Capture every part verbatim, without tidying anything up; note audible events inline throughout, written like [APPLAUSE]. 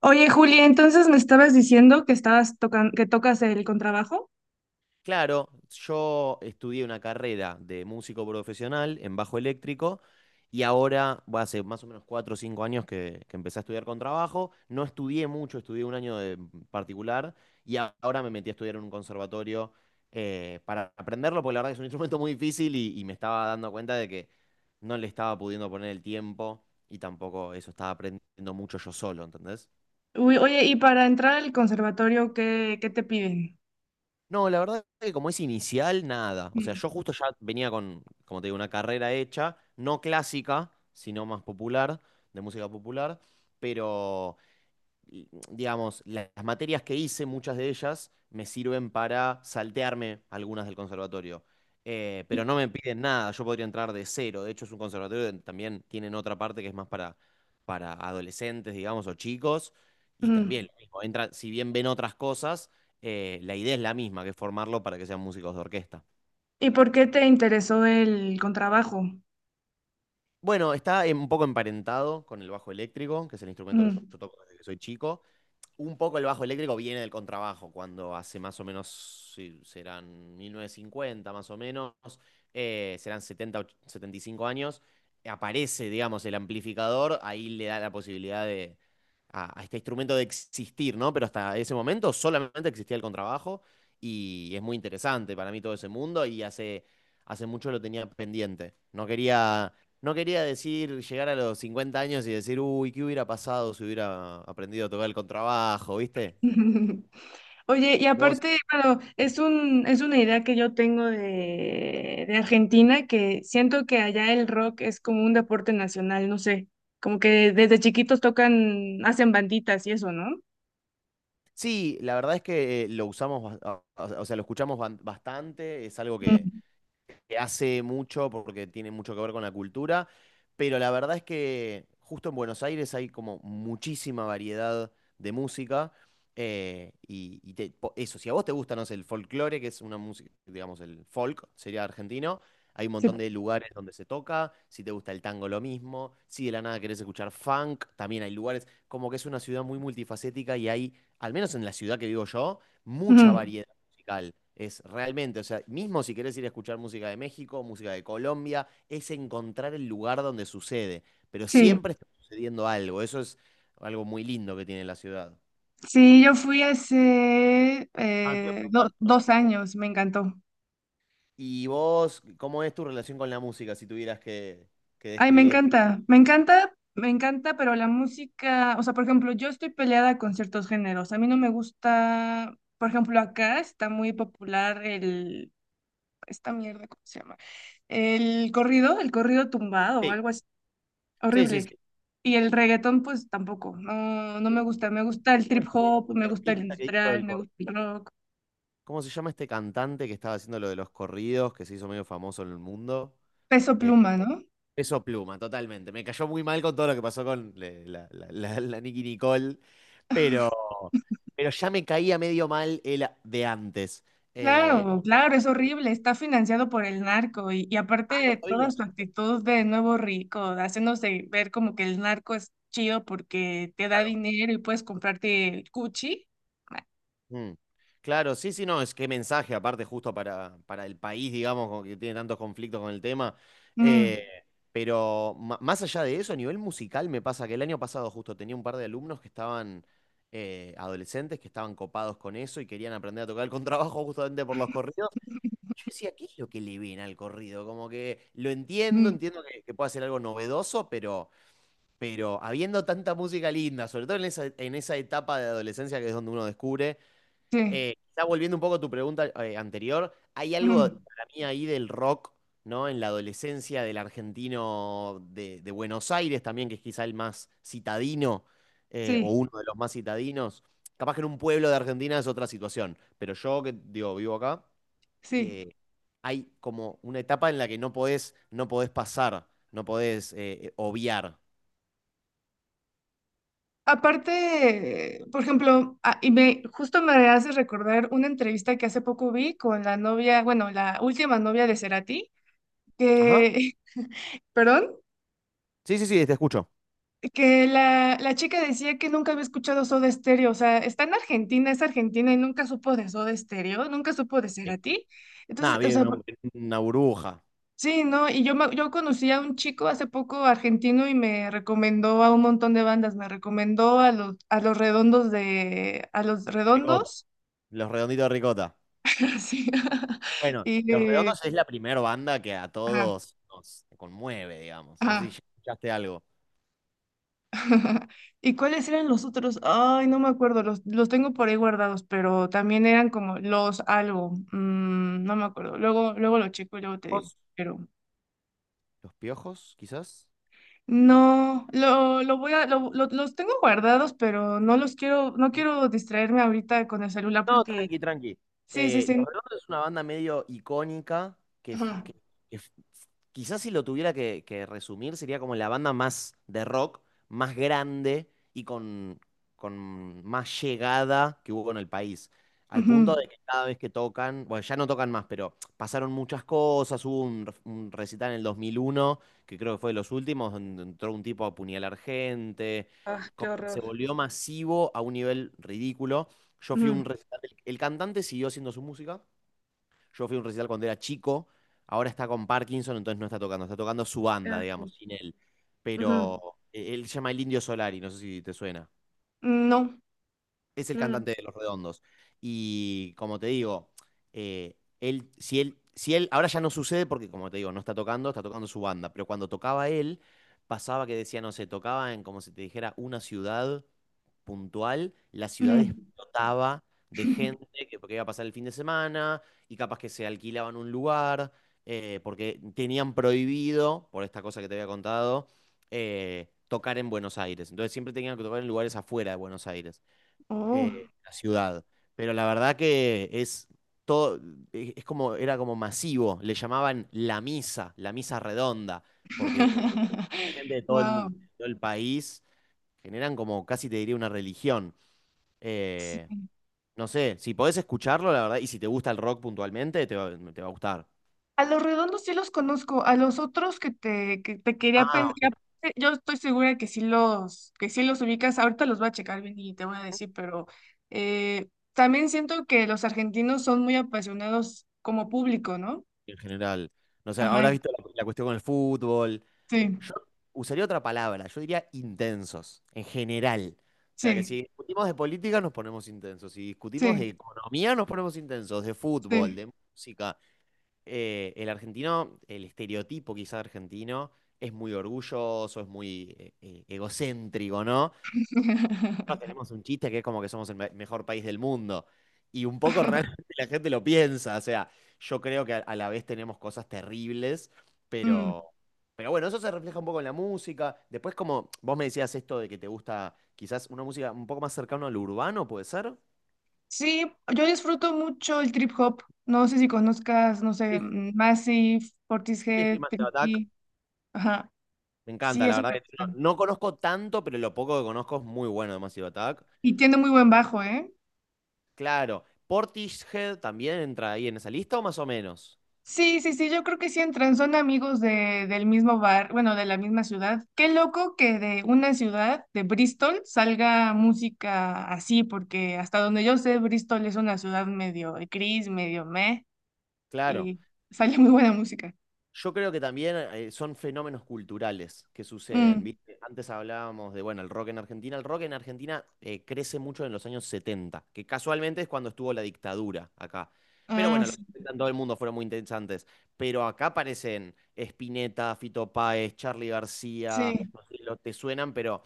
Oye, Julia, entonces me estabas diciendo que estabas tocan, que tocas el contrabajo. Claro, yo estudié una carrera de músico profesional en bajo eléctrico y ahora, bueno, hace más o menos cuatro o cinco años que, que empecé a estudiar con trabajo. No estudié mucho, estudié un año de particular y a- ahora me metí a estudiar en un conservatorio eh, para aprenderlo, porque la verdad que es un [LAUGHS] instrumento muy difícil y, y me estaba dando cuenta de que no le estaba pudiendo poner el tiempo y tampoco eso estaba aprendiendo mucho yo solo, ¿entendés? Uy, oye, y para entrar al conservatorio, ¿qué, qué te piden? No, la verdad que como es inicial, nada. O sea, Mm. yo justo ya venía con, como te digo, una carrera hecha, no clásica, sino más popular, de música popular, pero y, digamos, la- las materias que hice, muchas de ellas, me sirven para saltearme algunas del conservatorio. Eh, pero no me piden nada, yo podría entrar de cero. De hecho, es un conservatorio donde también tienen otra parte que es más para, para adolescentes, digamos, o chicos. Y también Mm. lo mismo, entran, si bien ven otras cosas, eh, la idea es la misma, que es formarlo para que sean músicos de orquesta. ¿Y por qué te interesó el contrabajo? Bueno, está eh, un poco emparentado con el bajo eléctrico, que es el instrumento que Mm. yo toco desde que soy chico. Un poco el bajo eléctrico viene del contrabajo, cuando hace más o menos, sí, serán mil novecientos cincuenta más o menos, eh, serán setenta setenta y cinco años, aparece, digamos, el amplificador, ahí le da la posibilidad de, a, a este instrumento de existir, ¿no? Pero hasta ese momento solamente existía el contrabajo y es muy interesante para mí todo ese mundo y hace, hace mucho lo tenía pendiente. No quería no quería decir, llegar a los cincuenta años y decir, uy, ¿qué hubiera pasado si hubiera aprendido a tocar el contrabajo, viste? [LAUGHS] Oye, y Vos. aparte, bueno, es un, es una idea que yo tengo de, de Argentina, que siento que allá el rock es como un deporte nacional, no sé, como que desde chiquitos tocan, hacen banditas y eso, ¿no? Sí, la verdad es que eh, lo usamos, bas- a- o sea, lo escuchamos ban- bastante, es algo que, Mm. que hace mucho porque tiene mucho que ver con la cultura, pero la verdad es que justo en Buenos Aires hay como muchísima variedad de música. eh, y y te- po- eso, si a vos te gusta, no sé, el folclore, que es una música, digamos, el folk sería argentino, hay un Sí. montón de lugares donde se toca, si te gusta el tango lo mismo, si de la nada querés escuchar funk, también hay lugares, como que es una ciudad muy multifacética y hay, al menos en la ciudad que vivo yo, mucha Ujú. variedad musical. Es realmente, o sea, mismo si querés ir a escuchar música de México, música de Colombia, es encontrar el lugar donde sucede. Pero Sí. siempre está sucediendo algo. Eso es algo muy lindo que tiene la ciudad. Sí, yo fui hace Ah, te iba a eh, do- preguntar, ¿no? dos años, me encantó. ¿Y vos, cómo es tu relación con la música si tuvieras que, que Ay, me describirla? encanta, me encanta, me encanta, pero la música, o sea, por ejemplo, yo estoy peleada con ciertos géneros. A mí no me gusta, por ejemplo, acá está muy popular el, esta mierda, ¿cómo se llama? El corrido, el corrido tumbado o Sí. algo así, Sí, sí, sí. horrible. Y el reggaetón, pues tampoco, no, no me el- gusta. ¿cómo Me gusta el se llama trip este hop, me gusta el artista que hizo industrial, el me cor- gusta el rock, ¿Cómo se llama este cantante que estaba haciendo lo de los corridos, que se hizo medio famoso en el mundo? peso Eh, pluma, ¿no? Peso Pluma, totalmente. Me cayó muy mal con todo lo que pasó con le- la, la, la- la Nicki Nicole, pero, pero ya me caía medio mal el a- de antes. Eh, Claro, claro, es horrible, está financiado por el narco y, y ah, no aparte toda sabía. su actitud de nuevo rico, haciéndose ver como que el narco es chido porque te da Claro. dinero y puedes comprarte el Gucci. Mm. Claro, sí, sí, no, es que mensaje, aparte, justo para, para el país, digamos, como que tiene tantos conflictos con el tema. Eh, Mm, pero ma- más allá de eso, a nivel musical, me pasa que el año pasado justo tenía un par de alumnos que estaban eh, adolescentes, que estaban copados con eso y querían aprender a tocar el contrabajo justamente por los corridos. Yo decía, ¿qué es lo que le ven al corrido? Como que lo entiendo, mm, entiendo que, que puede ser algo novedoso, pero, pero habiendo tanta música linda, sobre todo en esa, en esa etapa de adolescencia que es donde uno descubre, sí, eh, está volviendo un poco a tu pregunta eh, anterior, hay algo mm, para mí ahí del rock, ¿no? En la adolescencia del argentino de, de Buenos Aires también, que es quizá el más citadino, eh, o sí, uno de los más citadinos. Capaz que en un pueblo de Argentina es otra situación, pero yo que digo, vivo acá, sí. eh, hay como una etapa en la que no podés, no podés pasar, no podés eh, obviar. Aparte, por ejemplo, ah, y me justo me hace recordar una entrevista que hace poco vi con la novia, bueno, la última novia de Cerati, Ajá. que, [LAUGHS] perdón. Sí, sí, sí, te escucho. Que la, la chica decía que nunca había escuchado Soda Stereo, o sea, está en Argentina, es argentina y nunca supo de Soda Stereo, nunca supo de Eh, Cerati. Entonces, Nada, o sea, viene una, por- una burbuja. sí, ¿no? Y yo, me- yo conocí a un chico hace poco argentino y me recomendó a un montón de bandas, me recomendó a los, a los redondos de, a los Ricota. redondos, Los Redonditos de Ricota. [LAUGHS] sí, [LAUGHS] Bueno, y, Los eh, Redondos es la primera banda que a ajá, todos nos conmueve, digamos. No sé si ajá. ya escuchaste algo. [LAUGHS] ¿Y cuáles eran los otros? Ay, no me acuerdo, los, los tengo por ahí guardados, pero también eran como los algo, mm, no me acuerdo. Luego, luego lo checo y luego te digo, ¿Vos? pero ¿Los Piojos, quizás? no, lo, lo voy a, lo- lo- los tengo guardados, pero no los quiero, no quiero distraerme ahorita con el celular No, porque, tranqui, tranqui. sí, sí, Eh, Los sí. Redondos es una banda medio icónica que, f- Ajá. que- que f- quizás si lo tuviera que, que resumir sería como la banda más de rock, más grande y con, con más llegada que hubo en el país. Al Ujú. punto de que cada vez que tocan, bueno, ya no tocan más, pero pasaron muchas cosas. Hubo un, re- un recital en el dos mil uno que creo que fue de los últimos, donde entró un tipo a apuñalar gente. Ah, qué Como que se horror. volvió masivo a un nivel ridículo. Yo fui a Ujú. un recital, el, el cantante siguió haciendo su música. Yo fui a un recital cuando era chico. Ahora está con Parkinson, entonces no está tocando. Está tocando su Qué banda, asco. digamos, sin él. Ujú. Pero eh, él se llama El Indio Solari, no sé si te suena. No. Es el No, no. cantante de Los Redondos. Y como te digo, eh, él, si él, si él, ahora ya no sucede porque, como te digo, no está tocando, está tocando su banda, pero cuando tocaba él, pasaba que decía, no sé, tocaba en, como si te dijera, una ciudad puntual, la ciudad Ujú. explotaba de gente que, porque iba a pasar el fin de semana y capaz que se alquilaban un lugar, eh, porque tenían prohibido, por esta cosa que te había contado, eh, tocar en Buenos Aires. Entonces siempre tenían que tocar en lugares afuera de Buenos Aires, eh, Oh. la ciudad. Pero la verdad que es todo, e- es como, era como masivo. Le llamaban la misa, la misa redonda, porque la [LAUGHS] gente de todo el, Wow. mu- todo el país generan como casi te diría una religión. Eh, no sé, si podés escucharlo, la verdad, y si te gusta el rock puntualmente, te va, te va a gustar. A los redondos sí los conozco, a los otros que te, que te quería Ah, pensar, yo estoy segura que sí los, que sí los ubicas, ahorita los voy a checar bien y te voy a decir, pero eh, también siento que los argentinos son muy apasionados como público, ¿no? en general. No sé, habrás Ajá, visto la, la cuestión con el fútbol. sí, Yo usaría otra palabra, yo diría intensos, en general. O sea que sí, si discutimos de política nos ponemos intensos, si discutimos de sí, economía nos ponemos intensos, de fútbol, sí. de música. Eh, el argentino, el estereotipo quizá argentino, es muy orgulloso, es muy eh, eh, egocéntrico, ¿no? Nosotros [LAUGHS] tenemos un chiste que es como que somos el me- mejor país del mundo. Y un poco realmente [LAUGHS] la gente lo piensa. O sea, yo creo que a, a la vez tenemos cosas terribles, Mm. pero, pero bueno, eso se refleja un poco en la música. Después, como vos me decías esto de que te gusta quizás una música un poco más cercana a lo urbano, ¿puede ser? Sí, yo disfruto mucho el trip hop, no sé si conozcas, no Sí, sé, sí, mm, Massive, sí, sí, Portishead, Massive Attack. Tricky, ajá, Me sí, encanta, la eso verdad, me que gusta. no, no conozco tanto, pero lo poco que conozco es muy bueno de Massive Attack. Y tiene muy buen bajo, ¿eh? Claro. ¿Portishead también entra ahí en esa lista o más o menos? Sí, sí, sí, yo creo que sí entran, son amigos de, del mismo bar, bueno, de la misma ciudad. Qué loco que de una ciudad, de Bristol, salga música así, porque hasta donde yo sé, Bristol es una ciudad medio gris, medio meh, Claro. y sale muy buena música. Yo creo que también eh, son fenómenos culturales que suceden, Mm. ¿viste? Antes hablábamos de, bueno, el rock en Argentina. El rock en Argentina eh, crece mucho en los años setenta, que casualmente es cuando estuvo la dictadura acá. Pero Ah, bueno, los sí, setenta en todo el mundo fueron muy interesantes. Pero acá aparecen Spinetta, Fito Páez, Charly García, sí, no sé, lo te suenan, pero.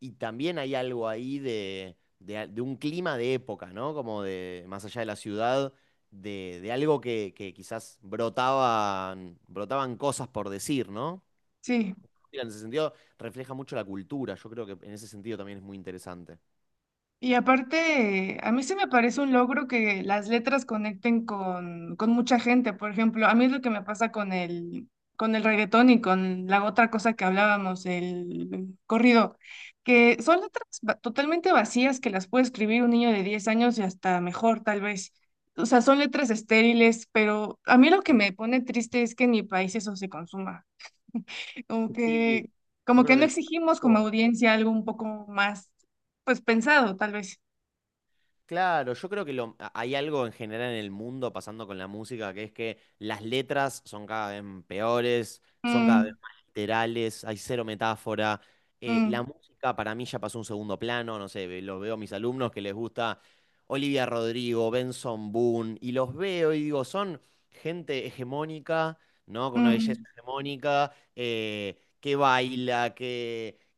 Y también hay algo ahí de, de, de un clima de época, ¿no? Como de más allá de la ciudad de, de algo que, que quizás brotaban, brotaban cosas por decir, ¿no? sí. Mira, en ese sentido, refleja mucho la cultura. Yo creo que en ese sentido también es muy interesante. Y aparte, a mí se me parece un logro que las letras conecten con, con mucha gente. Por ejemplo, a mí es lo que me pasa con el, con el reggaetón y con la otra cosa que hablábamos, el corrido, que son letras va- totalmente vacías que las puede escribir un niño de diez años y hasta mejor, tal vez. O sea, son letras estériles, pero a mí lo que me pone triste es que en mi país eso se consuma. Como Y que, yo como que creo que no el- exigimos como audiencia algo un poco más, pues pensado, tal vez. Claro, yo creo que lo, a- hay algo en general en el mundo pasando con la música, que es que las letras son cada vez peores, son cada vez Mm, más literales, hay cero metáfora. eh, mm, la música para mí ya pasó a un segundo plano, no sé, ve- lo veo a mis alumnos que les gusta Olivia Rodrigo, Benson Boone, y los veo y digo, son gente hegemónica, ¿no? Con una belleza mm, hegemónica, eh, que baila,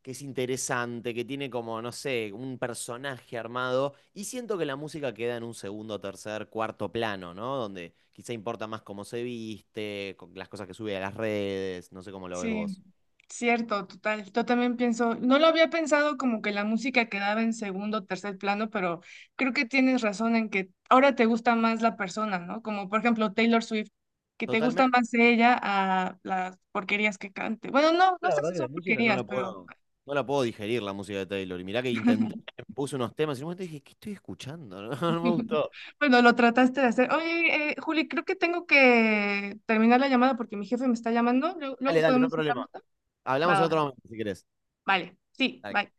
que es interesante, que tiene como, no sé, un personaje armado. Y siento que la música queda en un segundo, tercer, cuarto plano, ¿no? Donde quizá importa más cómo se viste, con las cosas que sube a las redes, no sé cómo lo ves sí, vos. cierto, total. Yo también pienso, no lo había pensado como que la música quedaba en segundo o tercer plano, pero creo que tienes razón en que ahora te gusta más la persona, ¿no? Como por ejemplo Taylor Swift, que te gusta Totalmente, más ella a las porquerías que cante. Bueno, no, no la sé verdad si que la son música no la porquerías, pero puedo, no la puedo digerir, la música de Taylor. Y mirá que intenté, [LAUGHS] puse unos temas y en un momento dije, ¿qué estoy escuchando? [LAUGHS] No, no me gustó. bueno, lo trataste de hacer. Oye, eh, Juli, creo que tengo que terminar la llamada porque mi jefe me está llamando. Luego, Dale, luego dale, no hay podemos ir problema. hablando. Hablamos en Va, va, otro va. momento si querés. Vale, sí, Dale. bye.